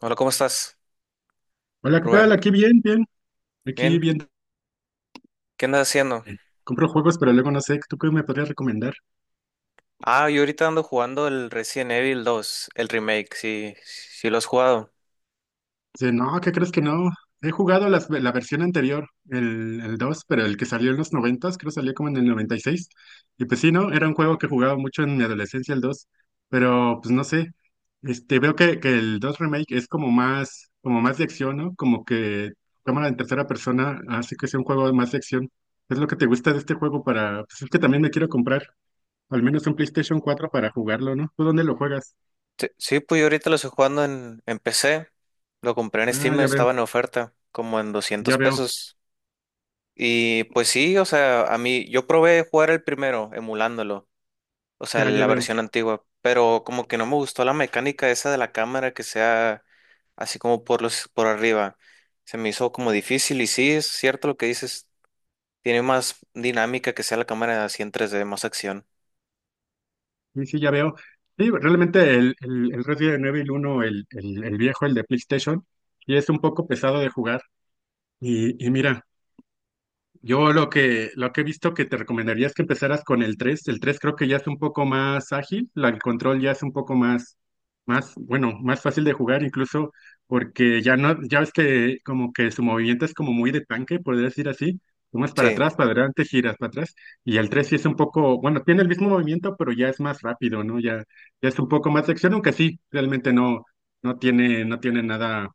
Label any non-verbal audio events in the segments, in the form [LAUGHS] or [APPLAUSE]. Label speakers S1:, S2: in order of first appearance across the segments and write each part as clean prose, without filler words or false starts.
S1: Hola, ¿cómo estás,
S2: Hola, ¿qué
S1: Rubén?
S2: tal? Aquí bien, bien. Aquí
S1: Bien,
S2: bien.
S1: ¿qué andas haciendo?
S2: Compro juegos, pero luego no sé, ¿tú qué me podrías recomendar?
S1: Ah, yo ahorita ando jugando el Resident Evil dos, el remake. Sí, sí lo has jugado.
S2: Dice, no, ¿qué crees que no? He jugado la versión anterior, el 2, pero el que salió en los 90, creo que salió como en el noventa y seis. Y pues sí, ¿no? Era un juego que jugaba mucho en mi adolescencia, el dos. Pero pues no sé, este, veo que el 2 Remake es como más de acción, ¿no? Como que cámara en tercera persona, así que es un juego más de acción. Es lo que te gusta de este juego para, pues es que también me quiero comprar. Al menos un PlayStation cuatro para jugarlo, ¿no? ¿Tú dónde lo juegas?
S1: Sí, sí, pues yo ahorita lo estoy jugando en PC, lo compré en
S2: Ah,
S1: Steam,
S2: ya veo,
S1: estaba en oferta, como en
S2: ya
S1: doscientos
S2: veo,
S1: pesos. Y pues sí, o sea, a mí, yo probé jugar el primero, emulándolo, o sea,
S2: ya, ya
S1: la
S2: veo.
S1: versión antigua, pero como que no me gustó la mecánica esa de la cámara que sea así como por los, por arriba. Se me hizo como difícil y sí, es cierto lo que dices. Tiene más dinámica que sea la cámara así en tres d, más acción.
S2: Sí, sí, ya veo. Sí, realmente el Resident Evil uno, el viejo, el de PlayStation, y es un poco pesado de jugar. Y mira, yo lo que he visto que te recomendaría es que empezaras con el 3. El 3 creo que ya es un poco más ágil, el control ya es un poco más, bueno, más fácil de jugar incluso porque ya no, ya ves que como que su movimiento es como muy de tanque, podría decir así. Tomas para
S1: Sí,
S2: atrás, para adelante, giras para atrás. Y el 3 sí es un poco, bueno, tiene el mismo movimiento, pero ya es más rápido, ¿no? Ya, ya es un poco más de acción, aunque sí, realmente no, no tiene nada.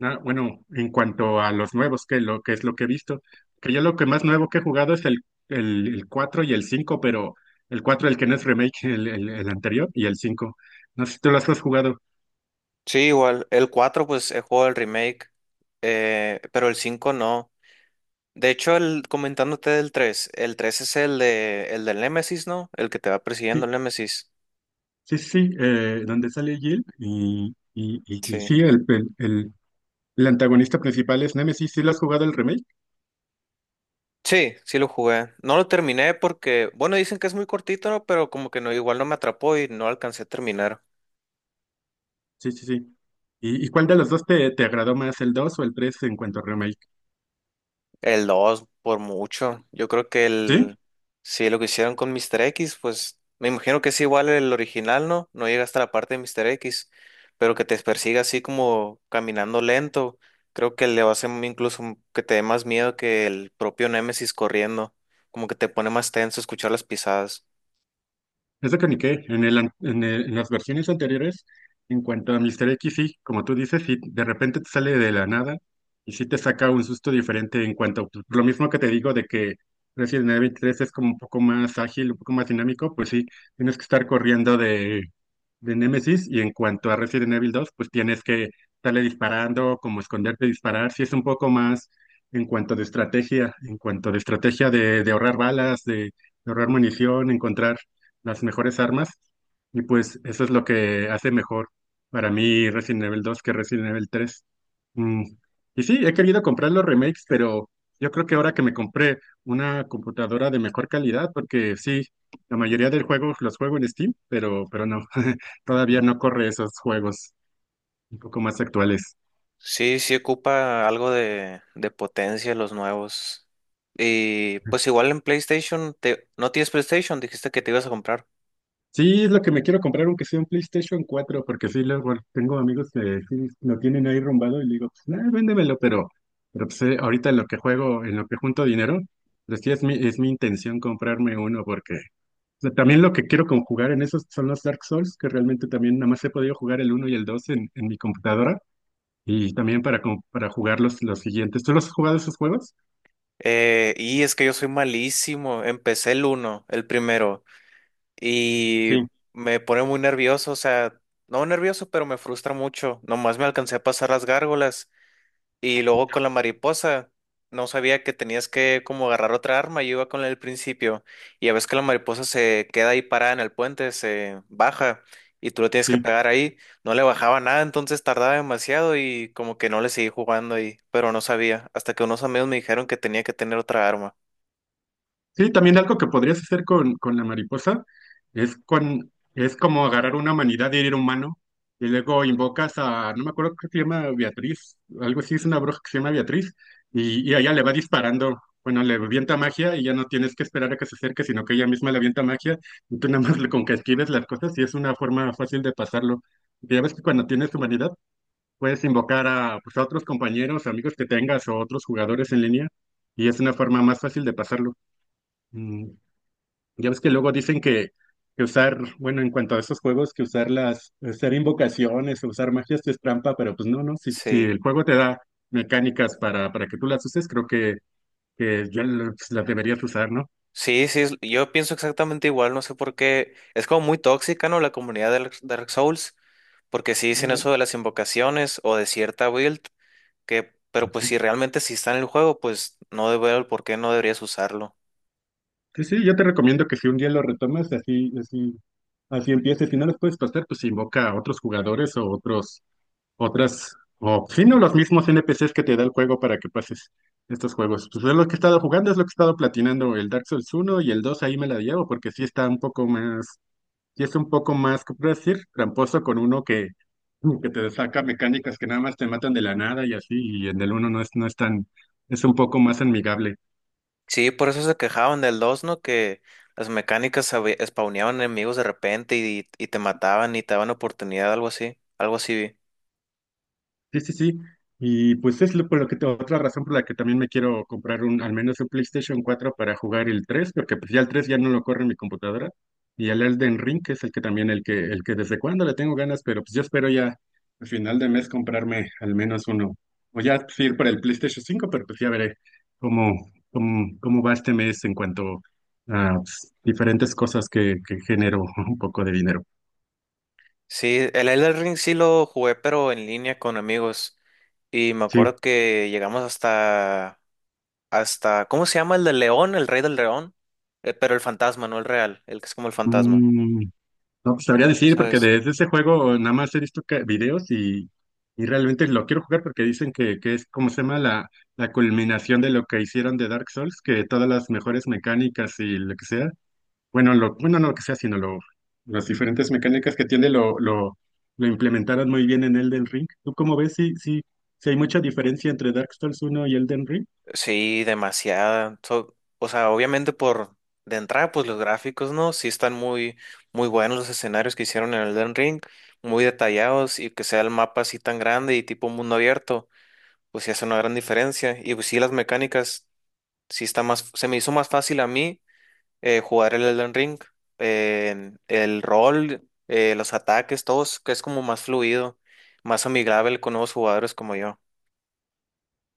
S2: Ah, bueno, en cuanto a los nuevos, que lo que es lo que he visto, que yo lo que más nuevo que he jugado es el 4 y el 5, pero el 4 el que no es remake, [LAUGHS] el anterior, y el 5. No sé si tú los has jugado.
S1: sí, igual. El 4 pues he jugado el remake, pero el 5 no. De hecho, el, comentándote del tres, el 3 es el de, el del Nemesis, ¿no? El que te va persiguiendo
S2: Sí,
S1: el Nemesis.
S2: sí, sí, donde sale Jill y
S1: Sí.
S2: sí, el antagonista principal es Nemesis. ¿Sí lo has jugado el remake?
S1: Sí, sí lo jugué. No lo terminé porque, bueno, dicen que es muy cortito, ¿no? Pero como que no, igual no me atrapó y no alcancé a terminar.
S2: Sí, sí, sí. ¿Y cuál de los dos te agradó más, el 2 o el 3 en cuanto a remake?
S1: El 2 por mucho. Yo creo que
S2: ¿Sí?
S1: el. Si lo que hicieron con Mr. X, pues me imagino que es igual el original, ¿no? No llega hasta la parte de Mr. X, pero que te persiga así como caminando lento. Creo que le va a hacer incluso que te dé más miedo que el propio Nemesis corriendo. Como que te pone más tenso escuchar las pisadas.
S2: Es de Koenigsegg. En el, an- en el- en las versiones anteriores, en cuanto a Mr. X, sí, como tú dices, sí, de repente te sale de la nada y sí te saca un susto diferente en cuanto, pues, lo mismo que te digo de que Resident Evil tres es como un poco más ágil, un poco más dinámico, pues sí, tienes que estar corriendo de, Nemesis y en cuanto a Resident Evil dos, pues tienes que estarle disparando, como esconderte, disparar, sí es un poco más en cuanto de estrategia de ahorrar balas, de ahorrar munición, encontrar las mejores armas. Y pues eso es lo que hace mejor para mí Resident Evil 2 que Resident Evil 3. Mm, Y sí, he querido comprar los remakes, pero yo creo que ahora que me compré una computadora de mejor calidad, porque sí, la mayoría de juegos los juego en Steam, pero no, [LAUGHS] todavía no corre esos juegos un poco más actuales.
S1: Sí, sí ocupa algo de potencia los nuevos. Y pues igual en PlayStation, te, ¿no tienes PlayStation? Dijiste que te ibas a comprar.
S2: Sí, es lo que me quiero comprar, aunque sea un PlayStation cuatro porque sí, luego tengo amigos que sí lo tienen ahí rumbado y le digo, pues nada, véndemelo, pero pues ahorita en lo que juego, en lo que junto dinero, pues sí es mi, intención comprarme uno, porque o sea, también lo que quiero conjugar en esos son los Dark Souls, que realmente también nada más he podido jugar el uno y el 2 en, mi computadora, y también para, para jugar los siguientes. ¿Tú los has jugado esos juegos?
S1: Y es que yo soy malísimo. Empecé el uno, el primero, y
S2: Sí,
S1: me pone muy nervioso, o sea, no nervioso, pero me frustra mucho. Nomás me alcancé a pasar las gárgolas y luego con la mariposa. No sabía que tenías que como agarrar otra arma. Yo iba con la del principio y a veces que la mariposa se queda ahí parada en el puente, se baja y tú lo tienes que
S2: sí.
S1: pegar ahí. No le bajaba nada, entonces tardaba demasiado y como que no le seguí jugando ahí, pero no sabía, hasta que unos amigos me dijeron que tenía que tener otra arma.
S2: Sí, también algo que podrías hacer con la mariposa es, con, es como agarrar una humanidad de ir humano y luego invocas a, no me acuerdo qué se llama Beatriz, algo así, es una bruja que se llama Beatriz, y a ella le va disparando, bueno, le avienta magia y ya no tienes que esperar a que se acerque, sino que ella misma le avienta magia y tú nada más con que esquives las cosas y es una forma fácil de pasarlo. Porque ya ves que cuando tienes humanidad puedes invocar a, pues, a otros compañeros, amigos que tengas o otros jugadores en línea y es una forma más fácil de pasarlo. Mm, ya ves que luego dicen que usar, bueno, en cuanto a esos juegos, que usar usar invocaciones o usar magias es trampa, pero pues no, no, si
S1: Sí,
S2: el juego te da mecánicas para que tú las uses, creo que las deberías usar, ¿no?
S1: sí, sí, es- yo pienso exactamente igual, no sé por qué. Es como muy tóxica, ¿no? La comunidad de Dark Souls, porque sí dicen
S2: Eh,
S1: eso de las invocaciones o de cierta build, que, pero pues
S2: sí,
S1: si realmente sí está en el juego, pues no debe el por qué no deberías usarlo.
S2: sí, sí, yo te recomiendo que si un día lo retomas, así, así empieces. Si no las puedes pasar, pues invoca a otros jugadores o otros. Otras, o sí, no, los mismos N P NPCs que te da el juego para que pases estos juegos. Pues es lo que he estado jugando, es lo que he estado platinando, el Dark Souls uno y el dos ahí me la llevo, porque sí está un poco más, sí es un poco más, ¿cómo puedo decir? Tramposo con uno que te saca mecánicas que nada más te matan de la nada y así, y en el uno no es tan, es un poco más amigable.
S1: Sí, por eso se quejaban del 2, ¿no? Que las mecánicas sabe- spawneaban enemigos de repente y te mataban y te daban oportunidad, algo así vi.
S2: Sí, sí, sí. Y pues es lo, por lo que te- otra razón por la que también me quiero comprar al menos un PlayStation cuatro para jugar el 3 porque pues ya el 3 ya no lo corre mi computadora. Y el Elden Ring, que es el que también el que desde cuándo le tengo ganas, pero pues yo espero ya al final de mes comprarme al menos uno. O ya pues, ir para el PlayStation cinco pero pues ya veré cómo va este mes en cuanto a pues, diferentes cosas que genero [LAUGHS] un poco de dinero.
S1: Sí, el Elden Ring sí lo jugué, pero en línea con amigos. Y me
S2: Sí.
S1: acuerdo que llegamos hasta, hasta, ¿cómo se llama? El del león, el rey del león. Pero el fantasma, no el real, el que es como el fantasma.
S2: Mm, No pues, sabría decir, porque
S1: ¿Sabes?
S2: de ese juego nada más he visto videos y realmente lo quiero jugar porque dicen que es, como se llama?, la culminación de lo que hicieron de Dark Souls, que todas las mejores mecánicas y lo que sea, bueno, no lo que sea, sino las diferentes mecánicas que tiene lo implementaron muy bien en Elden Ring. ¿Tú cómo ves? Sí, sí, sí hay mucha diferencia entre Dark Souls uno y Elden Ring.
S1: Sí, demasiada. So- o sea, obviamente por de entrada, pues los gráficos, ¿no? Sí están muy, muy buenos los escenarios que hicieron en Elden Ring, muy detallados y que sea el mapa así tan grande y tipo mundo abierto, pues sí hace una gran diferencia. Y pues sí, las mecánicas. Sí está más, se me hizo más fácil a mí jugar el Elden Ring, el rol, los ataques, todos, que es como más fluido, más amigable con nuevos jugadores como yo.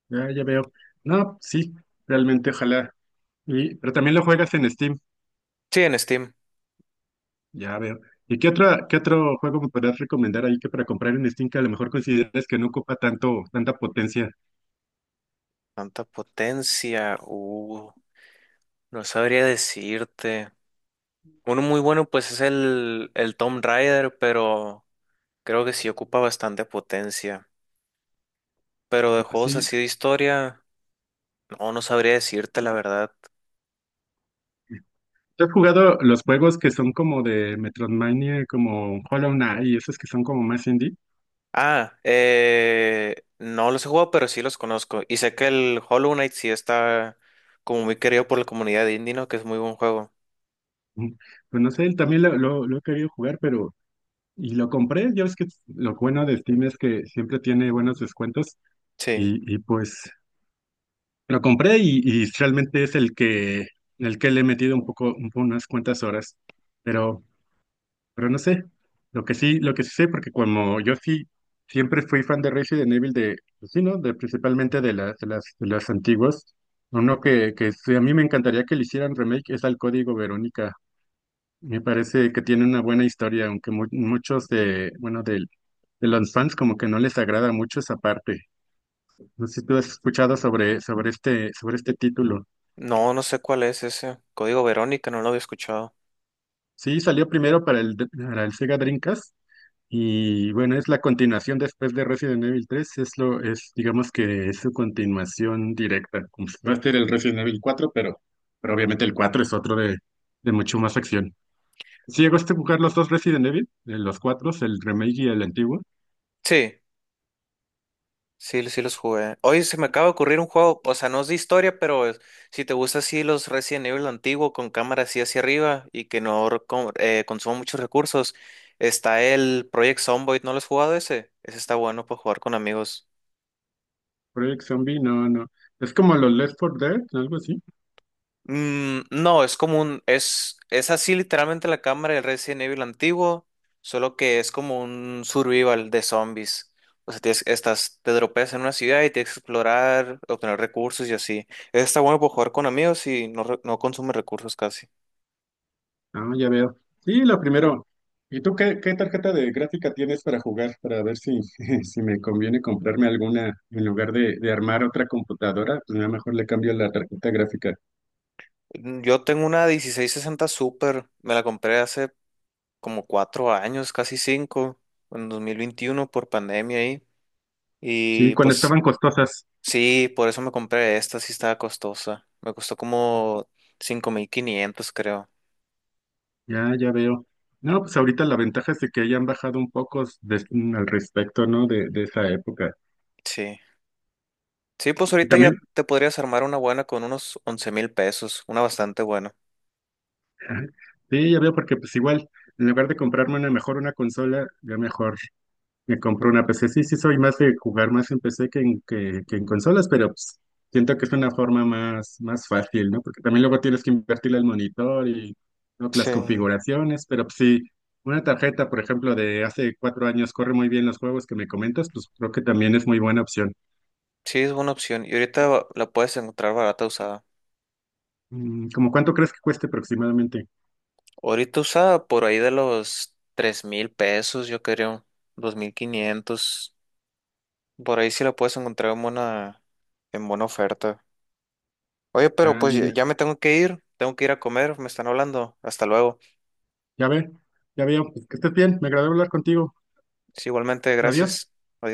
S2: Ya, ya veo. No, sí, realmente, ojalá. Y, pero también lo juegas en Steam.
S1: Sí, en Steam.
S2: Ya veo. ¿Y qué otra, qué otro juego me podrías recomendar ahí que para comprar en Steam que a lo mejor consideres que no ocupa tanto, tanta potencia?
S1: Tanta potencia, no sabría decirte. Uno muy bueno pues es el Tomb Raider, pero creo que sí ocupa bastante potencia. Pero de
S2: Ah,
S1: juegos
S2: sí.
S1: así de historia, no, no sabría decirte la verdad.
S2: ¿Tú has jugado los juegos que son como de Metroidvania, como Hollow Knight y esos que son como más indie?
S1: Ah, no los he jugado, pero sí los conozco. Y sé que el Hollow Knight sí está como muy querido por la comunidad indie, ¿no? Que es muy buen juego.
S2: Ujú. Pues no sé, también lo he querido jugar. Pero... Y lo compré, ya ves que lo bueno de Steam es que siempre tiene buenos descuentos
S1: Sí.
S2: y pues lo compré y realmente es el que le he metido un poco, un po- unas cuantas horas. Pero Pero no sé, lo que sí sé, porque como yo sí siempre fui fan de Resident Evil de, pues sí, ¿no? De principalmente de las antiguas. Uno
S1: Ujú.
S2: que sí, a mí me encantaría que le hicieran remake es al Código Verónica. Me parece que tiene una buena historia, aunque muchos de, bueno, de, los fans como que no les agrada mucho esa parte. No sé si tú has escuchado sobre este título.
S1: No, no sé cuál es ese. Código Verónica, no lo había escuchado.
S2: Sí, salió primero para el, Sega Dreamcast. Y bueno, es la continuación después de Resident Evil tres digamos que es su continuación directa, como si fuera a ser el Resident Evil cuatro pero obviamente el 4 es otro de mucho más acción. Si llegaste a jugar los dos Resident Evil, los cuatro, el remake y el antiguo,
S1: Sí, sí, sí los jugué. Hoy se me acaba de ocurrir un juego, o sea, no es de historia, pero es- si te gusta así los Resident Evil antiguo con cámara así hacia arriba y que no reco- consuma muchos recursos, está el Project Zomboid, ¿no lo has jugado ese? Ese está bueno para jugar con amigos.
S2: Project Zombie, no, no. Es como los Left 4 Dead, algo así.
S1: Mm, no, es como un, es así literalmente la cámara del Resident Evil antiguo, solo que es como un survival de zombies. O sea, tienes- estás, te dropeas en una ciudad y tienes que explorar, obtener recursos y así. Está bueno por jugar con amigos y no, re- no consume recursos casi.
S2: Ah, ya veo. Sí, lo primero. ¿Y tú qué tarjeta de gráfica tienes para jugar? Para ver si, [LAUGHS] si me conviene comprarme alguna en lugar de armar otra computadora. Pues, a lo mejor le cambio la tarjeta gráfica.
S1: Mm. Yo tengo una 1660 Super, me la compré hace como cuatro años, casi cinco, en 2021 por pandemia ahí.
S2: Sí,
S1: Y
S2: cuando
S1: pues
S2: estaban costosas.
S1: sí, por eso me compré esta, sí estaba costosa. Me costó como 5500, creo.
S2: Ya, ya veo. No, pues ahorita la ventaja es de que hayan bajado un poco al respecto, ¿no? De esa época.
S1: Sí. Sí, pues
S2: Y
S1: ahorita ya
S2: también,
S1: te podrías armar una buena con unos 11 000 pesos, una bastante buena.
S2: [LAUGHS] ajá, sí, ya veo, porque pues igual, en lugar de comprarme una mejor una consola, ya mejor. Me compré una PC. Sí, sí, soy más de jugar más en PC que en consolas, pero pues, siento que es una forma más fácil, ¿no? Porque también luego tienes que invertirle al monitor y ¿no? que las
S1: Sí.
S2: configuraciones, pero pues, sí, una tarjeta, por ejemplo, de hace cuatro años corre muy bien los juegos que me comentas, pues creo que también es muy buena opción.
S1: Sí, es buena opción. Y ahorita va- la puedes encontrar barata usada.
S2: ¿Cómo cuánto crees que cueste aproximadamente?
S1: Ahorita usada por ahí de los 3000 pesos, yo creo. 2500. Por ahí sí la puedes encontrar en buena oferta. Oye, pero
S2: Ya,
S1: pues
S2: ya,
S1: ya ya
S2: ya.
S1: me tengo que ir. Tengo que ir a comer, me están hablando. Hasta luego.
S2: Ya ve, ya veo. Pues, que estés bien, me agradó hablar contigo.
S1: Sí, igualmente,
S2: Adiós.
S1: gracias. Adiós.